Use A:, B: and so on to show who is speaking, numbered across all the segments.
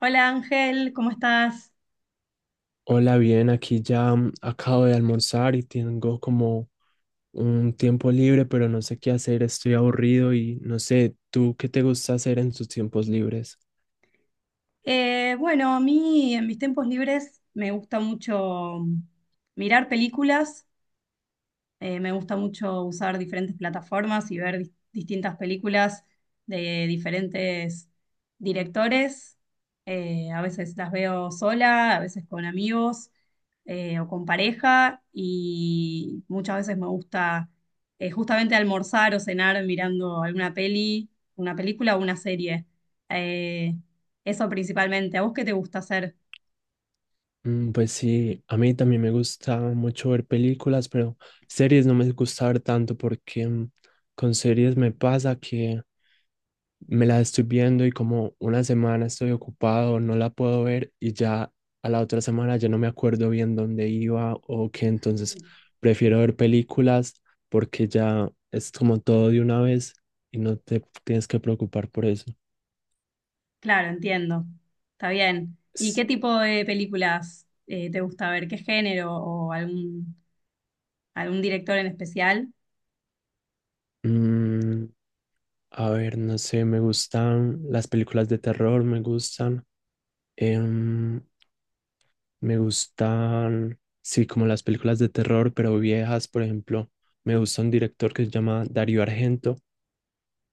A: Hola Ángel, ¿cómo estás?
B: Hola, bien, aquí ya acabo de almorzar y tengo como un tiempo libre, pero no sé qué hacer, estoy aburrido y no sé, ¿tú qué te gusta hacer en tus tiempos libres?
A: Bueno, a mí en mis tiempos libres me gusta mucho mirar películas. Me gusta mucho usar diferentes plataformas y ver distintas películas de diferentes directores. A veces las veo sola, a veces con amigos, o con pareja, y muchas veces me gusta justamente almorzar o cenar mirando alguna peli, una película o una serie. Eh, eso principalmente. ¿A vos qué te gusta hacer?
B: Pues sí, a mí también me gusta mucho ver películas, pero series no me gusta ver tanto porque con series me pasa que me la estoy viendo y como una semana estoy ocupado, no la puedo ver y ya a la otra semana ya no me acuerdo bien dónde iba o qué, entonces prefiero ver películas porque ya es como todo de una vez y no te tienes que preocupar por eso.
A: Claro, entiendo. Está bien. ¿Y qué
B: S-
A: tipo de películas, te gusta ver? ¿Qué género o algún director en especial?
B: mm, a ver, no sé, me gustan las películas de terror, me gustan. Em, Me gustan, sí, como las películas de terror, pero viejas, por ejemplo. Me gusta un director que se llama Dario Argento.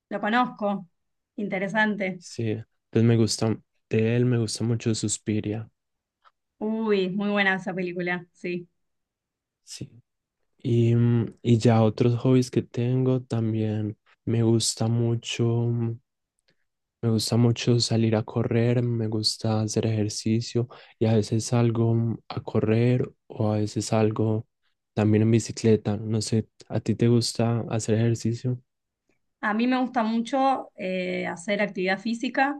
A: Lo conozco. Interesante.
B: Sí, entonces me gusta, de él me gusta mucho Suspiria.
A: Uy, muy buena esa película, sí.
B: Sí. Y ya otros hobbies que tengo también. Me gusta mucho, mm, me gusta mucho salir a correr, me gusta hacer ejercicio y a veces salgo a correr o a veces salgo también en bicicleta. No sé, ¿a ti te gusta hacer ejercicio?
A: A mí me gusta mucho hacer actividad física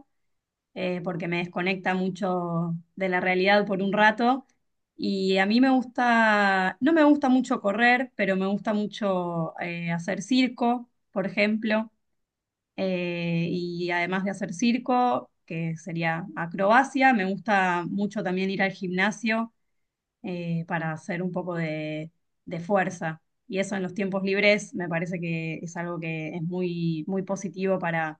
A: eh, porque me desconecta mucho de la realidad por un rato. Y a mí me gusta, no me gusta mucho correr, pero me gusta mucho hacer circo, por ejemplo. Y además de hacer circo, que sería acrobacia, me gusta mucho también ir al gimnasio para hacer un poco de fuerza. Y eso en los tiempos libres me parece que es algo que es muy, muy positivo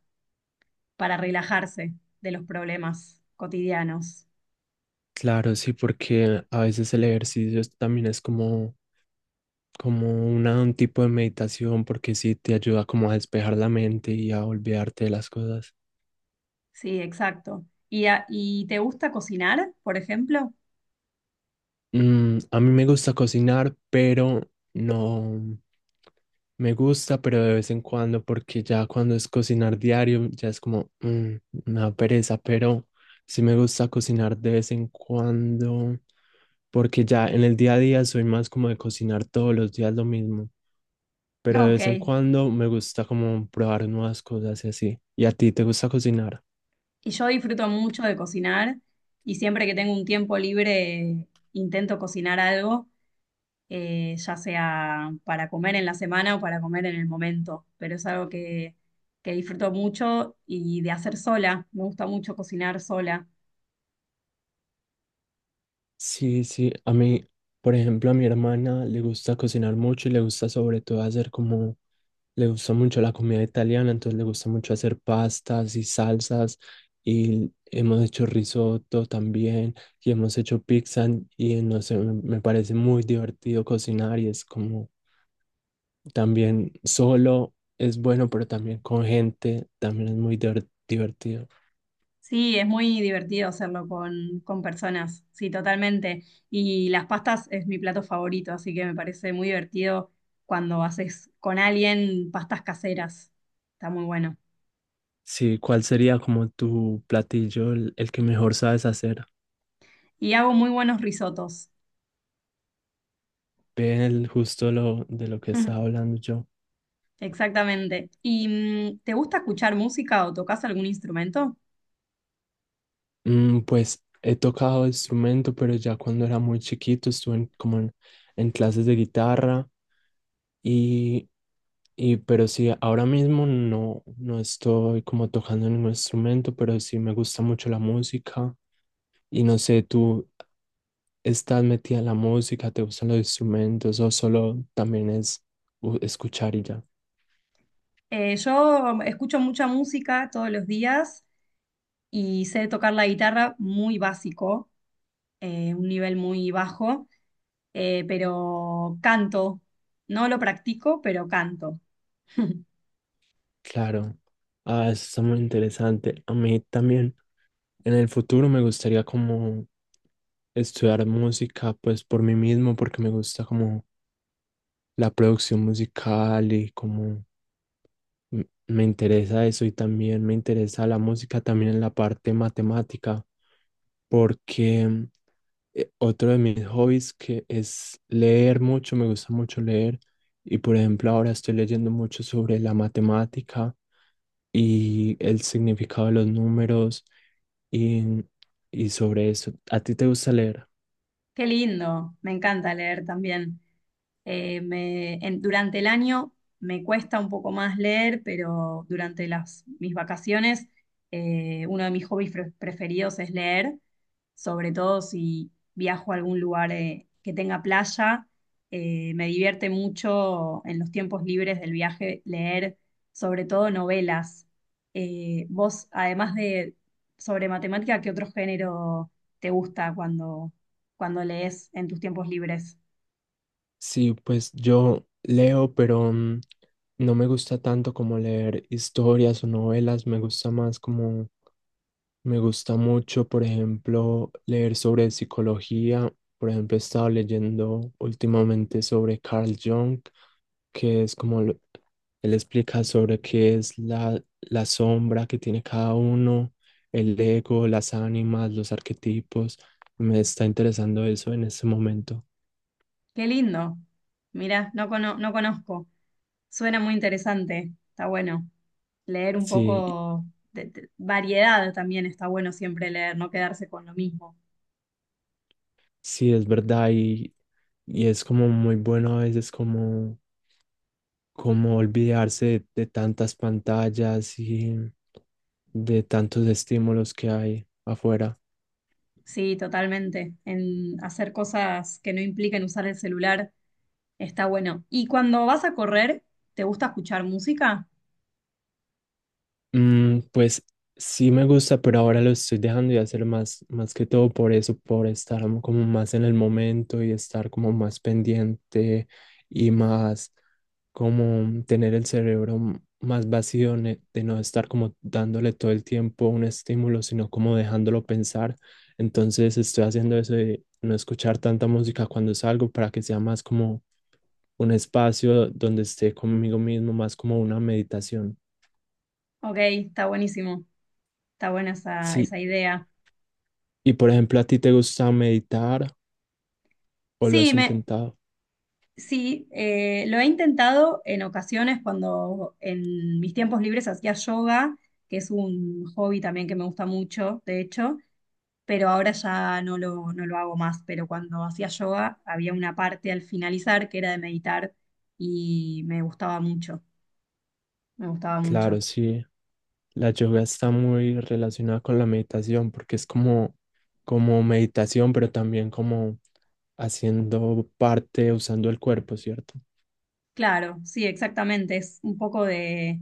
A: para relajarse de los problemas cotidianos.
B: Claro, sí, porque a veces el ejercicio también es como, como un tipo de meditación, porque sí te ayuda como a despejar la mente y a olvidarte de las cosas.
A: Sí, exacto. ¿Y, y te gusta cocinar, por ejemplo?
B: Mm, a mí me gusta cocinar, pero no me gusta, pero de vez en cuando, porque ya cuando es cocinar diario, ya es como me da pereza, pero sí me gusta cocinar de vez en cuando, porque ya en el día a día soy más como de cocinar todos los días lo mismo. Pero de
A: Ok.
B: vez en cuando me gusta como probar nuevas cosas y así. ¿Y a ti te gusta cocinar?
A: Y yo disfruto mucho de cocinar, y siempre que tengo un tiempo libre intento cocinar algo, ya sea para comer en la semana o para comer en el momento, pero es algo que disfruto mucho, y de hacer sola, me gusta mucho cocinar sola.
B: Sí, sí, a mí, por ejemplo, a mi hermana le gusta cocinar mucho y le gusta sobre todo hacer como, le gusta mucho la comida italiana, entonces le gusta mucho hacer pastas y salsas y hemos hecho risotto también y hemos hecho pizza y no sé, me parece muy divertido cocinar y es como también solo es bueno, pero también con gente también es muy divertido.
A: Sí, es muy divertido hacerlo con personas, sí, totalmente. Y las pastas es mi plato favorito, así que me parece muy divertido cuando haces con alguien pastas caseras, está muy bueno.
B: Sí, ¿cuál sería como tu platillo, el que mejor sabes hacer?
A: Y hago muy buenos risotos.
B: Ve el justo lo de lo que estaba hablando yo.
A: Exactamente. ¿Y te gusta escuchar música o tocas algún instrumento?
B: Mm, pues he tocado instrumento, pero ya cuando era muy chiquito estuve como en clases de guitarra y, pero sí, ahora mismo no estoy como tocando ningún instrumento, pero sí me gusta mucho la música y no sé, ¿tú estás metida en la música, te gustan los instrumentos o solo también es escuchar y ya?
A: Yo escucho mucha música todos los días y sé tocar la guitarra muy básico, un nivel muy bajo, pero canto. No lo practico, pero canto.
B: Claro, ah, eso está muy interesante. A mí también en el futuro me gustaría como estudiar música pues por mí mismo porque me gusta como la producción musical y como me interesa eso y también me interesa la música también en la parte matemática porque otro de mis hobbies que es leer mucho, me gusta mucho leer y por ejemplo ahora estoy leyendo mucho sobre la matemática y el significado de los números y, y sobre eso. ¿A ti te gusta leer?
A: Qué lindo, me encanta leer también. Durante el año me cuesta un poco más leer, pero durante las, mis vacaciones, uno de mis hobbies preferidos es leer, sobre todo si viajo a algún lugar que tenga playa. Me divierte mucho en los tiempos libres del viaje leer, sobre todo novelas. Vos, además de sobre matemática, ¿qué otro género te gusta cuando, cuando lees en tus tiempos libres?
B: Sí, pues yo leo, pero no me gusta tanto como leer historias o novelas, me gusta más como me gusta mucho, por ejemplo, leer sobre psicología. Por ejemplo, he estado leyendo últimamente sobre Carl Jung, que es como él explica sobre qué es la sombra que tiene cada uno, el ego, las ánimas, los arquetipos. Me está interesando eso en este momento.
A: Qué lindo. Mirá, no, no conozco. Suena muy interesante. Está bueno. Leer un
B: Sí,
A: poco de, variedad también está bueno, siempre leer, no quedarse con lo mismo.
B: sí, es verdad y es como muy bueno a veces como, como olvidarse de tantas pantallas y de tantos estímulos que hay afuera.
A: Sí, totalmente. En hacer cosas que no impliquen usar el celular está bueno. ¿Y cuando vas a correr, te gusta escuchar música?
B: Pues sí me gusta, pero ahora lo estoy dejando de hacer más, más que todo por eso, por estar como más en el momento y estar como más pendiente y más como tener el cerebro más vacío de no estar como dándole todo el tiempo un estímulo, sino como dejándolo pensar. Entonces estoy haciendo eso de no escuchar tanta música cuando salgo para que sea más como un espacio donde esté conmigo mismo, más como una meditación.
A: Ok, está buenísimo. Está buena esa,
B: Sí.
A: esa idea.
B: Y por ejemplo, ¿a ti te gusta meditar o lo
A: Sí,
B: has
A: me,
B: intentado?
A: sí, lo he intentado en ocasiones cuando en mis tiempos libres hacía yoga, que es un hobby también que me gusta mucho, de hecho, pero ahora ya no lo, no lo hago más. Pero cuando hacía yoga había una parte al finalizar que era de meditar, y me gustaba mucho, me gustaba mucho.
B: Claro, sí. La yoga está muy relacionada con la meditación porque es como, como meditación, pero también como haciendo parte, usando el cuerpo, ¿cierto?
A: Claro, sí, exactamente, es un poco de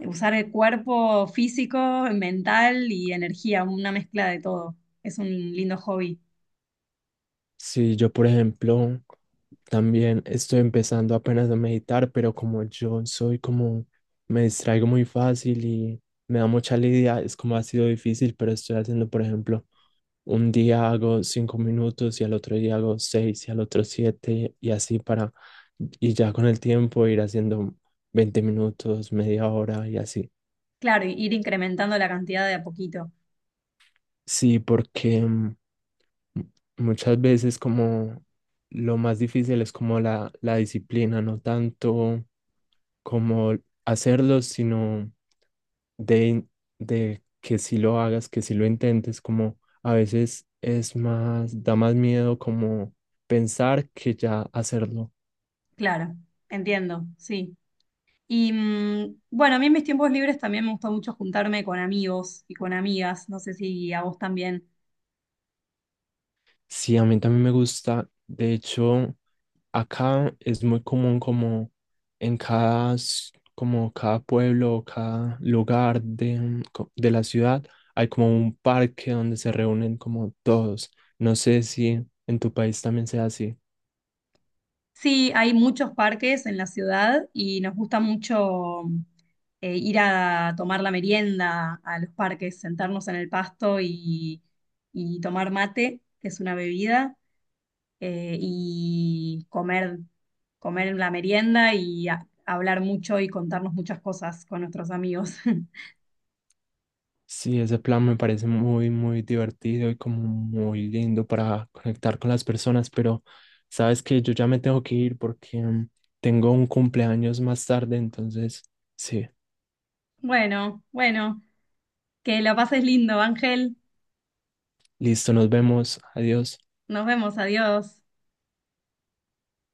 A: usar el cuerpo físico, mental y energía, una mezcla de todo. Es un lindo hobby.
B: Sí, yo, por ejemplo, también estoy empezando apenas a meditar, pero como yo soy como, me distraigo muy fácil y me da mucha lidia, es como ha sido difícil, pero estoy haciendo, por ejemplo, un día hago 5 minutos y al otro día hago seis y al otro siete y así para, y ya con el tiempo ir haciendo 20 minutos, media hora y así.
A: Claro, y ir incrementando la cantidad de a poquito.
B: Sí, porque muchas veces como lo más difícil es como la disciplina, no tanto como hacerlo, sino de, de que si lo hagas, que si lo intentes, como a veces es más, da más miedo como pensar que ya hacerlo.
A: Claro, entiendo, sí. Y a mí en mis tiempos libres también me gusta mucho juntarme con amigos y con amigas, no sé si a vos también.
B: Sí, a mí también me gusta. De hecho, acá es muy común como en cada, como cada pueblo o cada lugar de de la ciudad, hay como un parque donde se reúnen como todos. No sé si en tu país también sea así.
A: Sí, hay muchos parques en la ciudad y nos gusta mucho ir a tomar la merienda a los parques, sentarnos en el pasto y tomar mate, que es una bebida. Y comer, comer en la merienda y hablar mucho y contarnos muchas cosas con nuestros amigos.
B: Sí, ese plan me parece muy, muy divertido y como muy lindo para conectar con las personas, pero sabes que yo ya me tengo que ir porque tengo un cumpleaños más tarde, entonces, sí,
A: Bueno, que lo pases lindo, Ángel.
B: listo, nos vemos, adiós.
A: Nos vemos, adiós.